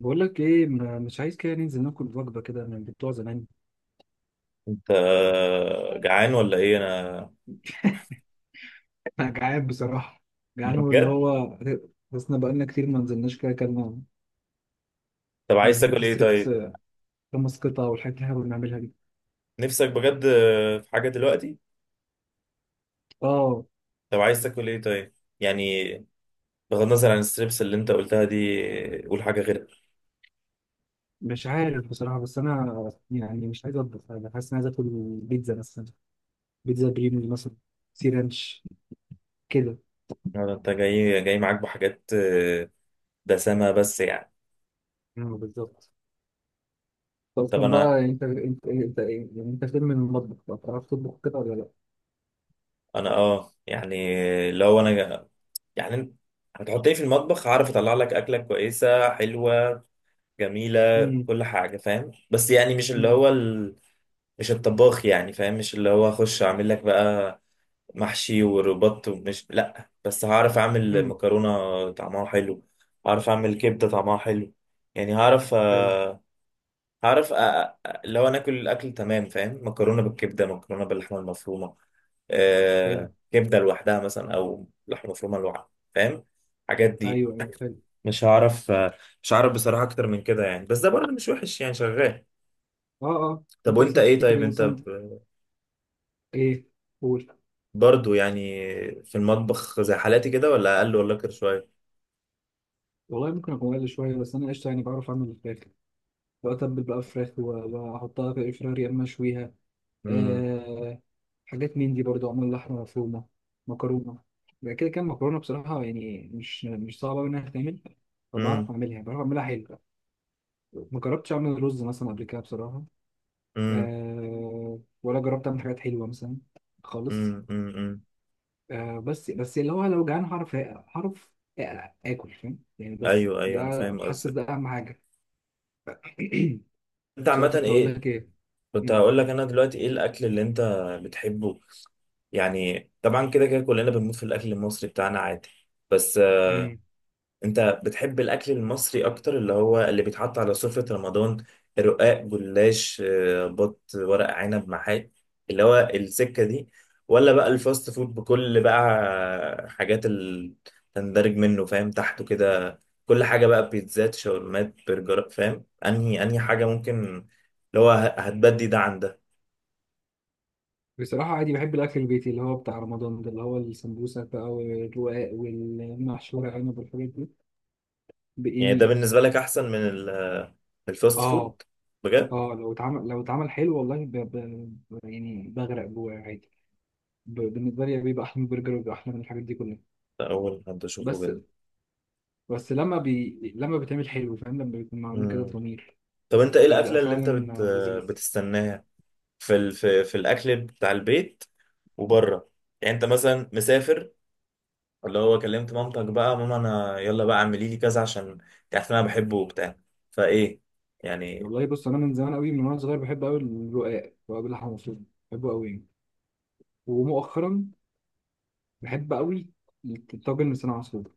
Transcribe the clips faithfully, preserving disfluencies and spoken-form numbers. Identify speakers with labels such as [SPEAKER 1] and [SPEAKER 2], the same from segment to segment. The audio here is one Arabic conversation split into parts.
[SPEAKER 1] بقول لك ايه، ما- مش عايز كده ننزل ناكل وجبه كده من بتوع زمان.
[SPEAKER 2] انت جعان ولا ايه؟ انا
[SPEAKER 1] انا جعان بصراحه. جعان واللي
[SPEAKER 2] بجد.
[SPEAKER 1] هو. حسنا، بقالنا كتير ما نزلناش كده اكلنا.
[SPEAKER 2] طب عايز
[SPEAKER 1] وجبه
[SPEAKER 2] تاكل ايه
[SPEAKER 1] الستريبس
[SPEAKER 2] طيب؟
[SPEAKER 1] آه، خمس قطع والحاجات اللي احنا كنا بنعملها دي.
[SPEAKER 2] نفسك بجد في حاجه دلوقتي؟
[SPEAKER 1] اه،
[SPEAKER 2] طب عايز تاكل ايه طيب؟ يعني بغض النظر عن الستريبس اللي انت قلتها دي، قول حاجه غيرها.
[SPEAKER 1] مش عارف بصراحه. بس انا يعني مش عايز اطبخ، انا حاسس اني عايز اكل. بيتزا مثلا. بيتزا بريمي مثلا. سي رانش. كده.
[SPEAKER 2] ولا انت جاي جاي معاك بحاجات اه، دسمه بس يعني.
[SPEAKER 1] اه، بالظبط. طب
[SPEAKER 2] طب
[SPEAKER 1] اصلا
[SPEAKER 2] انا
[SPEAKER 1] بقى، انت انت انت إيه؟ يعني انت فين من المطبخ بقى؟ بتعرف تطبخ كده ولا لا؟
[SPEAKER 2] انا اه يعني لو انا، يعني انت هتحط ايه في المطبخ؟ هعرف اطلع لك اكله كويسه حلوه جميله،
[SPEAKER 1] امم.
[SPEAKER 2] كل حاجه فاهم، بس يعني مش اللي هو مش الطباخ يعني، فاهم؟ مش اللي هو اخش اعمل لك بقى محشي وربط ومش لا، بس هعرف اعمل
[SPEAKER 1] امم.
[SPEAKER 2] مكرونة طعمها حلو، هعرف اعمل كبدة طعمها حلو. يعني هعرف
[SPEAKER 1] حلو.
[SPEAKER 2] آه، هعرف آه، آه، اللي هو ناكل الاكل تمام، فاهم؟ مكرونة بالكبدة، مكرونة باللحمة المفرومة،
[SPEAKER 1] حلو.
[SPEAKER 2] آه، كبدة لوحدها مثلا او لحمة مفرومة لوحدها، فاهم الحاجات دي؟
[SPEAKER 1] ايوه، ايوه، حلو.
[SPEAKER 2] مش هعرف آه، مش هعرف بصراحة اكتر من كده يعني، بس ده برضه مش وحش يعني، شغال.
[SPEAKER 1] اه، اه.
[SPEAKER 2] طب
[SPEAKER 1] انت
[SPEAKER 2] وانت
[SPEAKER 1] اصلا
[SPEAKER 2] ايه
[SPEAKER 1] تفتكر
[SPEAKER 2] طيب؟
[SPEAKER 1] ايه
[SPEAKER 2] انت
[SPEAKER 1] مثلا؟ ايه؟ قول.
[SPEAKER 2] برضو يعني في المطبخ زي حالاتي كده، ولا اقل، ولا اكتر شويه؟
[SPEAKER 1] والله ممكن اكون اقل شويه، بس انا قشطه يعني، بعرف اعمل الفراخ. بتبل بقى فراخ و- واحطها في الفراخ، يا اما اشويها.
[SPEAKER 2] امم.
[SPEAKER 1] آه. حاجات من دي برضو، اعمل لحمه مفرومه، مكرونه. بقى كده، كان مكرونه بصراحه يعني، مش مش صعبه أوي انها تتعمل. فبعرف
[SPEAKER 2] امم.
[SPEAKER 1] اعملها، بعرف اعملها حلو. ما جربتش اعمل رز مثلا قبل كده بصراحه.
[SPEAKER 2] امم.
[SPEAKER 1] آه ولا جربت اعمل حاجات حلوه مثلا، خالص.
[SPEAKER 2] امم. امم.
[SPEAKER 1] آه بس بس اللي هو لو جعان، هعرف هعرف آ- اكل، فاهم يعني، بس
[SPEAKER 2] ايوه
[SPEAKER 1] ده.
[SPEAKER 2] ايوه، انا فاهم
[SPEAKER 1] حاسس ده
[SPEAKER 2] قصدك.
[SPEAKER 1] اهم حاجه.
[SPEAKER 2] انت
[SPEAKER 1] بس انا
[SPEAKER 2] عامه
[SPEAKER 1] كنت هقول
[SPEAKER 2] ايه؟
[SPEAKER 1] لك ايه.
[SPEAKER 2] كنت
[SPEAKER 1] مم.
[SPEAKER 2] هقول لك انا دلوقتي ايه الاكل اللي انت بتحبه؟ يعني طبعا كده كده كلنا بنموت في الاكل المصري بتاعنا عادي، بس
[SPEAKER 1] مم.
[SPEAKER 2] انت بتحب الاكل المصري اكتر، اللي هو اللي بيتحط على سفرة رمضان؟ رقاق، جلاش، آه، بط، ورق عنب، محاشي، اللي هو السكة دي؟ ولا بقى الفاست فود بكل بقى حاجات اللي تندرج منه، فاهم تحته كده؟ كل حاجة بقى، بيتزات، شاورمات، برجر، فاهم؟ انهي انهي حاجة ممكن اللي هو ه- هتبدي ده عن ده؟
[SPEAKER 1] بصراحه عادي بحب الاكل البيتي، اللي هو بتاع رمضان ده، اللي هو السمبوسه بقى والرقاق والمحشوره عنب والحاجات دي، ب-
[SPEAKER 2] يعني ده
[SPEAKER 1] يعني.
[SPEAKER 2] بالنسبة لك احسن من ال- الفاست
[SPEAKER 1] اه،
[SPEAKER 2] فود؟ بجد؟
[SPEAKER 1] اه، لو اتعمل لو اتعمل حلو، والله ب... ب... ب- يعني بغرق جواه عادي. ب... بالنسبه لي بيبقى احلى من البرجر، وبيبقى احلى من الحاجات دي كلها.
[SPEAKER 2] ده اول حد اشوفه
[SPEAKER 1] بس.
[SPEAKER 2] بجد.
[SPEAKER 1] بس لما بي... لما بيتعمل حلو، فاهم، لما بيكون معمول كده
[SPEAKER 2] مم.
[SPEAKER 1] بضمير.
[SPEAKER 2] طب انت ايه الاكله
[SPEAKER 1] بيبقى
[SPEAKER 2] اللي انت بت...
[SPEAKER 1] فعلا لذيذ.
[SPEAKER 2] بتستناها في ال... في... في الاكل بتاع البيت وبره؟ يعني انت مثلا مسافر، اللي هو كلمت مامتك بقى، ماما انا يلا بقى اعملي لي كذا عشان انت عارف ان انا بحبه وبتاع، فايه يعني؟
[SPEAKER 1] والله بص، انا من زمان قوي، من وانا صغير بحب قوي الرقاق، رقاق باللحمه المفرومه، بحبه قوي يعني. ومؤخرا بحب قوي الطاجن لسان عصفور.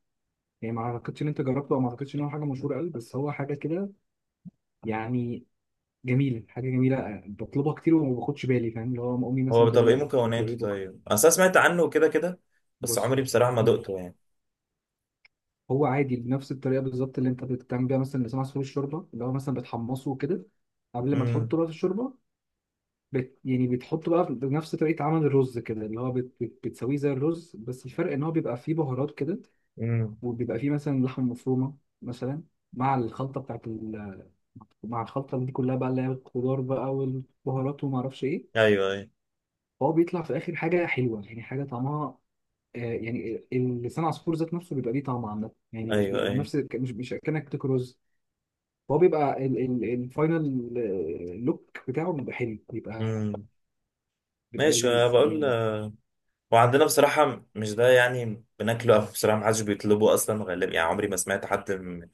[SPEAKER 1] يعني ما اعتقدش ان انت جربته، او ما اعتقدش ان هو حاجه مشهوره قوي، بس هو حاجه كده، يعني جميله، حاجه جميله، بطلبها كتير، وما باخدش بالي، فاهم، اللي هو أما امي مثلا
[SPEAKER 2] هو
[SPEAKER 1] تقول
[SPEAKER 2] طب ايه
[SPEAKER 1] لي تاكلوا ايه
[SPEAKER 2] مكوناته
[SPEAKER 1] بكره.
[SPEAKER 2] طيب؟ اصل انا سمعت عنه كده كده، بس
[SPEAKER 1] بص.
[SPEAKER 2] عمري بصراحه ما
[SPEAKER 1] مم.
[SPEAKER 2] دقته يعني.
[SPEAKER 1] هو عادي بنفس الطريقه بالظبط اللي انت بتعمل بيها مثلا لسان عصفور الشوربه، اللي هو مثلا بتحمصه كده قبل ما
[SPEAKER 2] امم.
[SPEAKER 1] تحطه بقى في الشوربه. بت يعني بتحطه بقى بنفس طريقة عمل الرز كده، اللي هو بت بت بتسويه زي الرز، بس الفرق ان هو بيبقى فيه بهارات كده،
[SPEAKER 2] امم.
[SPEAKER 1] وبيبقى فيه مثلا لحم مفرومة، مثلا، مع الخلطة بتاعت ال مع الخلطة دي كلها بقى، اللي هي الخضار بقى والبهارات وما اعرفش ايه.
[SPEAKER 2] ايوه ايوه
[SPEAKER 1] فهو بيطلع في الاخر حاجة حلوة، يعني حاجة طعمها، آه يعني لسان عصفور ذات نفسه بيبقى ليه طعم عامة، يعني مش
[SPEAKER 2] ايوه
[SPEAKER 1] بيبقى
[SPEAKER 2] ايوه.
[SPEAKER 1] نفس، مش مش كأنك بتاكل رز. هو بيبقى ال- ال- الفاينل لوك بتاعه، بيبقى حلو، بيبقى
[SPEAKER 2] امم.
[SPEAKER 1] بيبقى
[SPEAKER 2] ماشي، انا
[SPEAKER 1] لذيذ
[SPEAKER 2] بقول.
[SPEAKER 1] يعني.
[SPEAKER 2] وعندنا بصراحة مش ده يعني بناكله، أو بصراحة محدش بيطلبه أصلا غالبا، يعني عمري ما سمعت حد من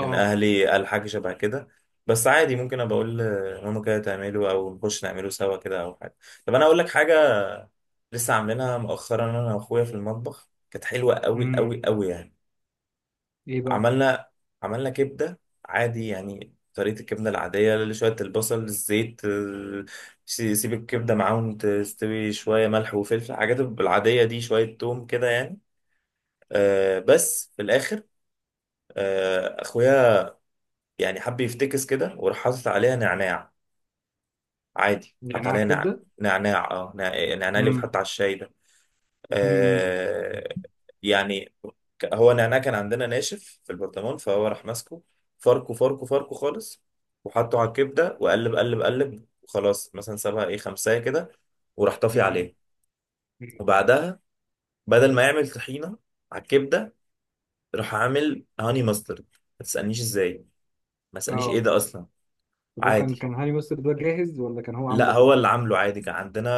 [SPEAKER 2] من أهلي قال حاجة شبه كده. بس عادي، ممكن أبقى أقول لماما كده تعمله، أو نخش نعمله سوا كده، أو حاجة. طب أنا أقول لك حاجة؟ لسه عاملينها مؤخرا أنا وأخويا في المطبخ، كانت حلوة أوي
[SPEAKER 1] آه.
[SPEAKER 2] أوي أوي يعني.
[SPEAKER 1] ايه بقى؟
[SPEAKER 2] عملنا عملنا كبدة عادي يعني، طريقة الكبدة العادية، اللي شوية البصل، الزيت، ال- سي- سيب الكبدة معاهم تستوي، شوية ملح وفلفل الحاجات العادية دي، شوية توم كده يعني. آه بس في الاخر، آه اخويا يعني حب يفتكس كده، وراح حاطط عليها نعناع. عادي، حط
[SPEAKER 1] نعناع
[SPEAKER 2] عليها نعناع،
[SPEAKER 1] كبده؟
[SPEAKER 2] نعناع، اه نع- نعناع اللي
[SPEAKER 1] امم.
[SPEAKER 2] بيتحط على الشاي ده.
[SPEAKER 1] امم.
[SPEAKER 2] آه يعني ك- هو نعناع كان عندنا ناشف في البرطمان، فهو راح ماسكه، فركه فركه فركه خالص، وحطه على الكبده، وقلب قلب قلب، وخلاص مثلا سابها ايه خمسه كده، وراح طافي
[SPEAKER 1] أمم.
[SPEAKER 2] عليه. وبعدها بدل ما يعمل طحينه على الكبده، راح عامل هاني ماسترد. ما تسألنيش ازاي، ما اسألنيش ايه
[SPEAKER 1] اه،
[SPEAKER 2] ده اصلا.
[SPEAKER 1] طب هو كان
[SPEAKER 2] عادي،
[SPEAKER 1] كان هاني مستر ده جاهز، ولا كان هو
[SPEAKER 2] لا
[SPEAKER 1] عمله
[SPEAKER 2] هو
[SPEAKER 1] برضه؟
[SPEAKER 2] اللي عامله عادي، كان عندنا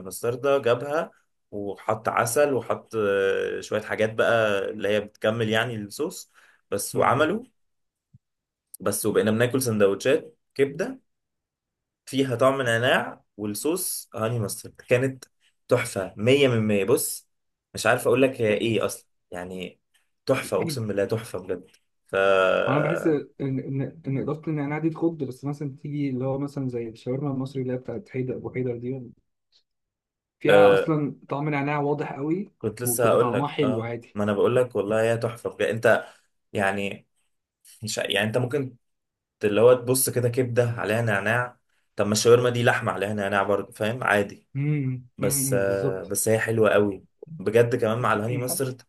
[SPEAKER 2] مستردة جابها، وحط عسل، وحط آه، شوية حاجات بقى اللي هي بتكمل يعني الصوص، بس
[SPEAKER 1] امم.
[SPEAKER 2] وعمله. بس وبقينا بناكل سندوتشات كبدة فيها طعم نعناع والصوص هاني مسترد، كانت تحفة، مية من مية. بص مش عارف اقول لك هي ايه
[SPEAKER 1] احلف.
[SPEAKER 2] اصلا يعني، تحفة اقسم بالله، تحفة بجد. ف
[SPEAKER 1] انا بحس ان ان ان اضافه النعناع دي تخض، بس مثلا تيجي اللي هو مثلا زي الشاورما المصري اللي هي بتاعت حيدر ابو حيدر دي، فيها
[SPEAKER 2] آه،
[SPEAKER 1] اصلا طعم نعناع واضح قوي.
[SPEAKER 2] كنت لسه
[SPEAKER 1] وبتبقى
[SPEAKER 2] هقول
[SPEAKER 1] طعمها
[SPEAKER 2] لك،
[SPEAKER 1] حلو
[SPEAKER 2] اه
[SPEAKER 1] عادي.
[SPEAKER 2] ما انا بقول لك والله هي تحفه بجد انت يعني. مش يعني انت ممكن ت- اللي هو تبص كده كبده عليها نعناع؟ طب ما الشاورما دي لحمه عليها نعناع برضه، فاهم؟ عادي.
[SPEAKER 1] امم،
[SPEAKER 2] بس
[SPEAKER 1] أمم،
[SPEAKER 2] آه
[SPEAKER 1] بالظبط.
[SPEAKER 2] بس هي حلوه قوي بجد، كمان مع الهاني مسترد،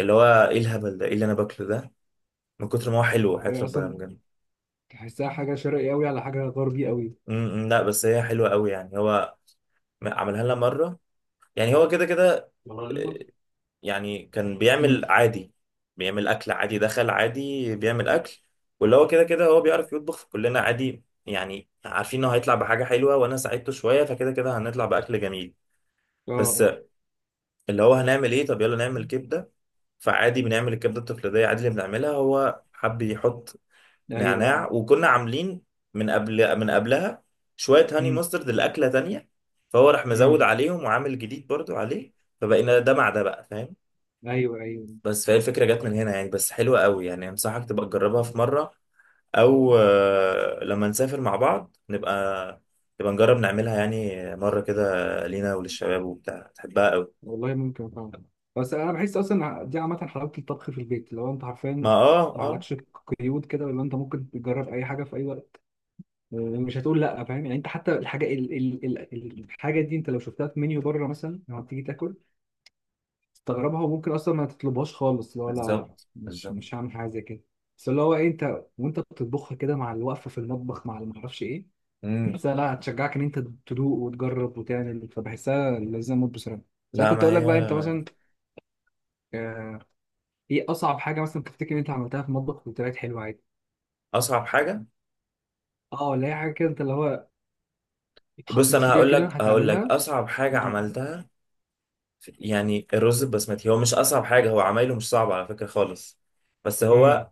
[SPEAKER 2] اللي هو ايه الهبل ده؟ ايه اللي انا باكله ده من كتر ما هو حلو، حياة
[SPEAKER 1] هي
[SPEAKER 2] ربنا
[SPEAKER 1] اصلا
[SPEAKER 2] بجد.
[SPEAKER 1] تحسها حاجه شرقي قوي على حاجه غربي قوي.
[SPEAKER 2] أمم، لا بس هي حلوه قوي يعني. هو م- عملها لنا مره يعني، هو كده كده يعني كان
[SPEAKER 1] امم.
[SPEAKER 2] بيعمل عادي، بيعمل اكل عادي، دخل عادي بيعمل اكل، واللي هو كده كده هو بيعرف يطبخ، فكلنا عادي يعني عارفين انه هيطلع بحاجه حلوه، وانا ساعدته شويه، فكده كده هنطلع باكل جميل.
[SPEAKER 1] اه،
[SPEAKER 2] بس
[SPEAKER 1] اه.
[SPEAKER 2] اللي هو هنعمل ايه طب؟ يلا نعمل كبده. فعادي بنعمل الكبده التقليديه، عادي اللي بنعملها، هو حب يحط
[SPEAKER 1] ايوه، ايوه.
[SPEAKER 2] نعناع، وكنا عاملين من قبل من قبلها شويه هاني
[SPEAKER 1] امم،
[SPEAKER 2] مسترد الاكله تانية، فهو راح مزود
[SPEAKER 1] امم.
[SPEAKER 2] عليهم وعامل جديد برضو عليه، فبقينا ده مع ده بقى، فاهم؟
[SPEAKER 1] ايوه، ايوه.
[SPEAKER 2] بس فهي الفكرة جت من هنا يعني، بس حلوة قوي يعني، أنصحك تبقى تجربها في مرة، أو آه، لما نسافر مع بعض نبقى نبقى نجرب نعملها يعني مرة كده، لينا وللشباب وبتاع، تحبها قوي.
[SPEAKER 1] والله ممكن فعلا. بس انا بحس اصلا دي عامه، حلاوه الطبخ في البيت، لو انت
[SPEAKER 2] ما
[SPEAKER 1] حرفيا
[SPEAKER 2] اه
[SPEAKER 1] ما
[SPEAKER 2] اه
[SPEAKER 1] عليكش قيود كده، ولا انت ممكن تجرب اي حاجه في اي وقت. آه، مش هتقول لا، فاهم يعني، انت حتى الحاجه ال ال ال الحاجه دي، انت لو شفتها في منيو بره مثلا لما تيجي تاكل، تستغربها وممكن اصلا ما تطلبهاش خالص، لا، لا، لا.
[SPEAKER 2] بالظبط
[SPEAKER 1] مش
[SPEAKER 2] بالظبط.
[SPEAKER 1] مش هعمل حاجه زي كده. بس اللي هو إيه، انت وانت بتطبخها كده مع الوقفه في المطبخ، مع اللي ما اعرفش ايه،
[SPEAKER 2] امم.
[SPEAKER 1] بحسها لا، هتشجعك ان انت تدوق وتجرب وتعمل، فبحسها لازم اموت بصراحه. بس انا
[SPEAKER 2] لا
[SPEAKER 1] كنت
[SPEAKER 2] ما
[SPEAKER 1] اقول لك
[SPEAKER 2] هي
[SPEAKER 1] بقى، انت مثلا آه، ايه اصعب حاجه مثلا تفتكر ان انت عملتها في المطبخ وطلعت حلوه عادي؟
[SPEAKER 2] أصعب حاجة.
[SPEAKER 1] اه، ولا هي حاجه كده انت اللي هو،
[SPEAKER 2] بص
[SPEAKER 1] اتحطيت
[SPEAKER 2] أنا
[SPEAKER 1] فيها
[SPEAKER 2] هقول
[SPEAKER 1] كده
[SPEAKER 2] لك، هقول لك
[SPEAKER 1] هتعملها؟
[SPEAKER 2] أصعب حاجة عملتها في- يعني الرز البسمتي. هو مش أصعب حاجة، هو عمايله مش صعب على فكرة خالص، بس
[SPEAKER 1] امم.
[SPEAKER 2] هو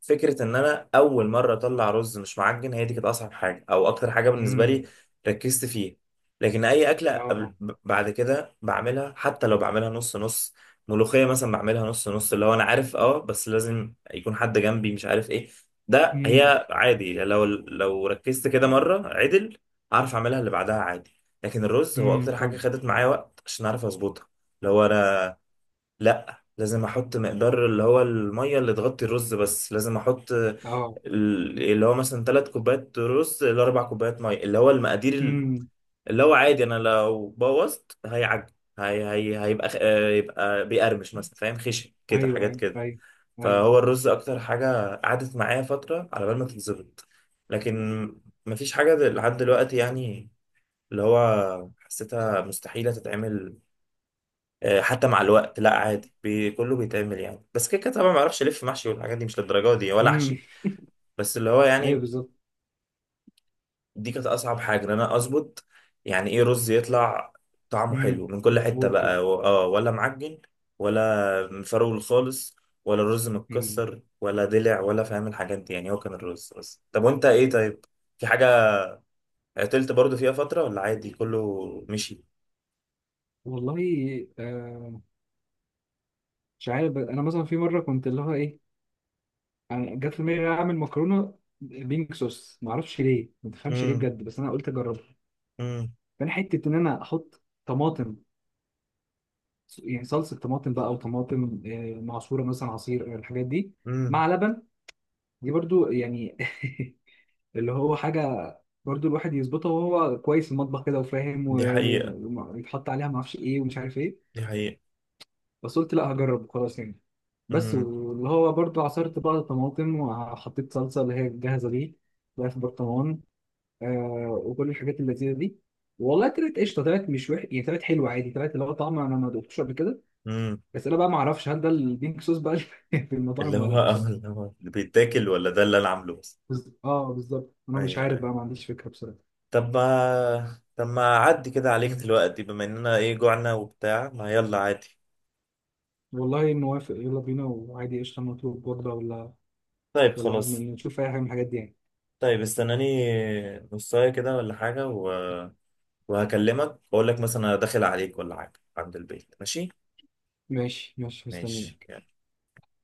[SPEAKER 2] فكره ان انا اول مره اطلع رز مش معجن، هي دي كانت اصعب حاجه او اكتر حاجه بالنسبه لي
[SPEAKER 1] امم.
[SPEAKER 2] ركزت فيها. لكن اي اكله
[SPEAKER 1] اه.
[SPEAKER 2] قبل- ب- بعد كده بعملها، حتى لو بعملها نص نص. ملوخيه مثلا بعملها نص نص اللي هو انا عارف، اه بس لازم يكون حد جنبي، مش عارف ايه، ده
[SPEAKER 1] امم.
[SPEAKER 2] هي عادي، لو لو ركزت كده مره عدل اعرف اعملها، اللي بعدها عادي. لكن الرز هو
[SPEAKER 1] امم.
[SPEAKER 2] اكتر حاجه
[SPEAKER 1] طب.
[SPEAKER 2] خدت معايا وقت عشان اعرف اظبطها. اللي هو انا لا لازم احط مقدار اللي هو الميه اللي تغطي الرز، بس لازم احط ال-
[SPEAKER 1] اه.
[SPEAKER 2] اللي هو مثلا ثلاث كوبايات رز لاربع كوبايات ميه، اللي هو المقادير ال-
[SPEAKER 1] امم.
[SPEAKER 2] اللي هو عادي، انا لو بوظت هيعج. هي هي هيبقى خ- آه، يبقى بيقرمش مثلا، فاهم خشن كده
[SPEAKER 1] ايوه،
[SPEAKER 2] حاجات
[SPEAKER 1] ايوه،
[SPEAKER 2] كده.
[SPEAKER 1] ايوه، ايوه.
[SPEAKER 2] فهو الرز اكتر حاجه قعدت معايا فتره على بال ما تتظبط. لكن مفيش حاجه دل- لحد دلوقتي يعني، اللي هو حسيتها مستحيله تتعمل، آه، حتى مع الوقت لا، عادي بي كله بيتعمل يعني، بس كده كده طبعا ما اعرفش الف محشي والحاجات دي مش للدرجه دي ولا
[SPEAKER 1] امم.
[SPEAKER 2] احشي، بس اللي هو
[SPEAKER 1] ايوه،
[SPEAKER 2] يعني
[SPEAKER 1] بالظبط.
[SPEAKER 2] دي كانت اصعب حاجه ان انا اظبط يعني ايه رز يطلع طعمه
[SPEAKER 1] امم.
[SPEAKER 2] حلو من كل حته
[SPEAKER 1] مظبوط كده.
[SPEAKER 2] بقى، و- اه ولا معجن، ولا مفرول خالص، ولا الرز
[SPEAKER 1] امم.
[SPEAKER 2] متكسر، ولا دلع، ولا فاهم الحاجات دي يعني، هو كان الرز بس. طب وانت ايه طيب؟ في حاجه عطلت برضو فيها فتره، ولا عادي كله مشي؟
[SPEAKER 1] والله، آه، مش عارف، انا مثلا في مره كنت اللي هو ايه، انا جت في دماغي اعمل مكرونه بينك صوص، ما اعرفش ليه، ما تفهمش ليه
[SPEAKER 2] امم.
[SPEAKER 1] بجد، بس انا قلت اجربها.
[SPEAKER 2] امم.
[SPEAKER 1] فانا حته ان انا احط طماطم، يعني صلصه طماطم بقى، او طماطم آه، معصوره مثلا، عصير آه، الحاجات دي، مع
[SPEAKER 2] امم.
[SPEAKER 1] لبن. دي برضو يعني. اللي هو حاجه، برضو الواحد يظبطها وهو كويس في المطبخ كده وفاهم،
[SPEAKER 2] دي حقيقه،
[SPEAKER 1] ويتحط عليها ما اعرفش ايه ومش عارف ايه.
[SPEAKER 2] دي حقيقه.
[SPEAKER 1] بس قلت لا، هجرب خلاص يعني. بس واللي هو برضو، عصرت بقى طماطم وحطيت صلصه اللي هي الجاهزه دي، بقى في برطمان، آه وكل الحاجات اللذيذه دي. والله طلعت قشطه، طلعت مش وحش يعني، طلعت حلوه عادي، طلعت اللي هو طعم انا ما دقتوش قبل كده.
[SPEAKER 2] امم.
[SPEAKER 1] بس انا بقى ما اعرفش، هل ده البينك صوص بقى اللي في المطاعم
[SPEAKER 2] اللي
[SPEAKER 1] ولا
[SPEAKER 2] هو
[SPEAKER 1] لا
[SPEAKER 2] اه
[SPEAKER 1] بصراحه؟
[SPEAKER 2] اللي هو اللي بيتاكل، ولا ده اللي انا عامله بس؟
[SPEAKER 1] بز... اه، بالظبط، انا مش
[SPEAKER 2] ايوه
[SPEAKER 1] عارف
[SPEAKER 2] ايوه.
[SPEAKER 1] بقى، ما عنديش فكره بصراحه.
[SPEAKER 2] طب ما طب ما اعدي كده عليك دلوقتي بما اننا ايه جوعنا وبتاع، ما يلا عادي.
[SPEAKER 1] والله موافق، يلا بينا، وعادي قشطه، نطلب وجبه ولا،
[SPEAKER 2] طيب
[SPEAKER 1] ولا
[SPEAKER 2] خلاص،
[SPEAKER 1] نشوف اي حاجه من الحاجات دي يعني؟
[SPEAKER 2] طيب استناني نصايه كده ولا حاجه و... وهكلمك واقول لك مثلا انا داخل عليك ولا حاجه عند البيت، ماشي؟
[SPEAKER 1] ماشي، ماشي، مستنيك.
[SPEAKER 2] ماشي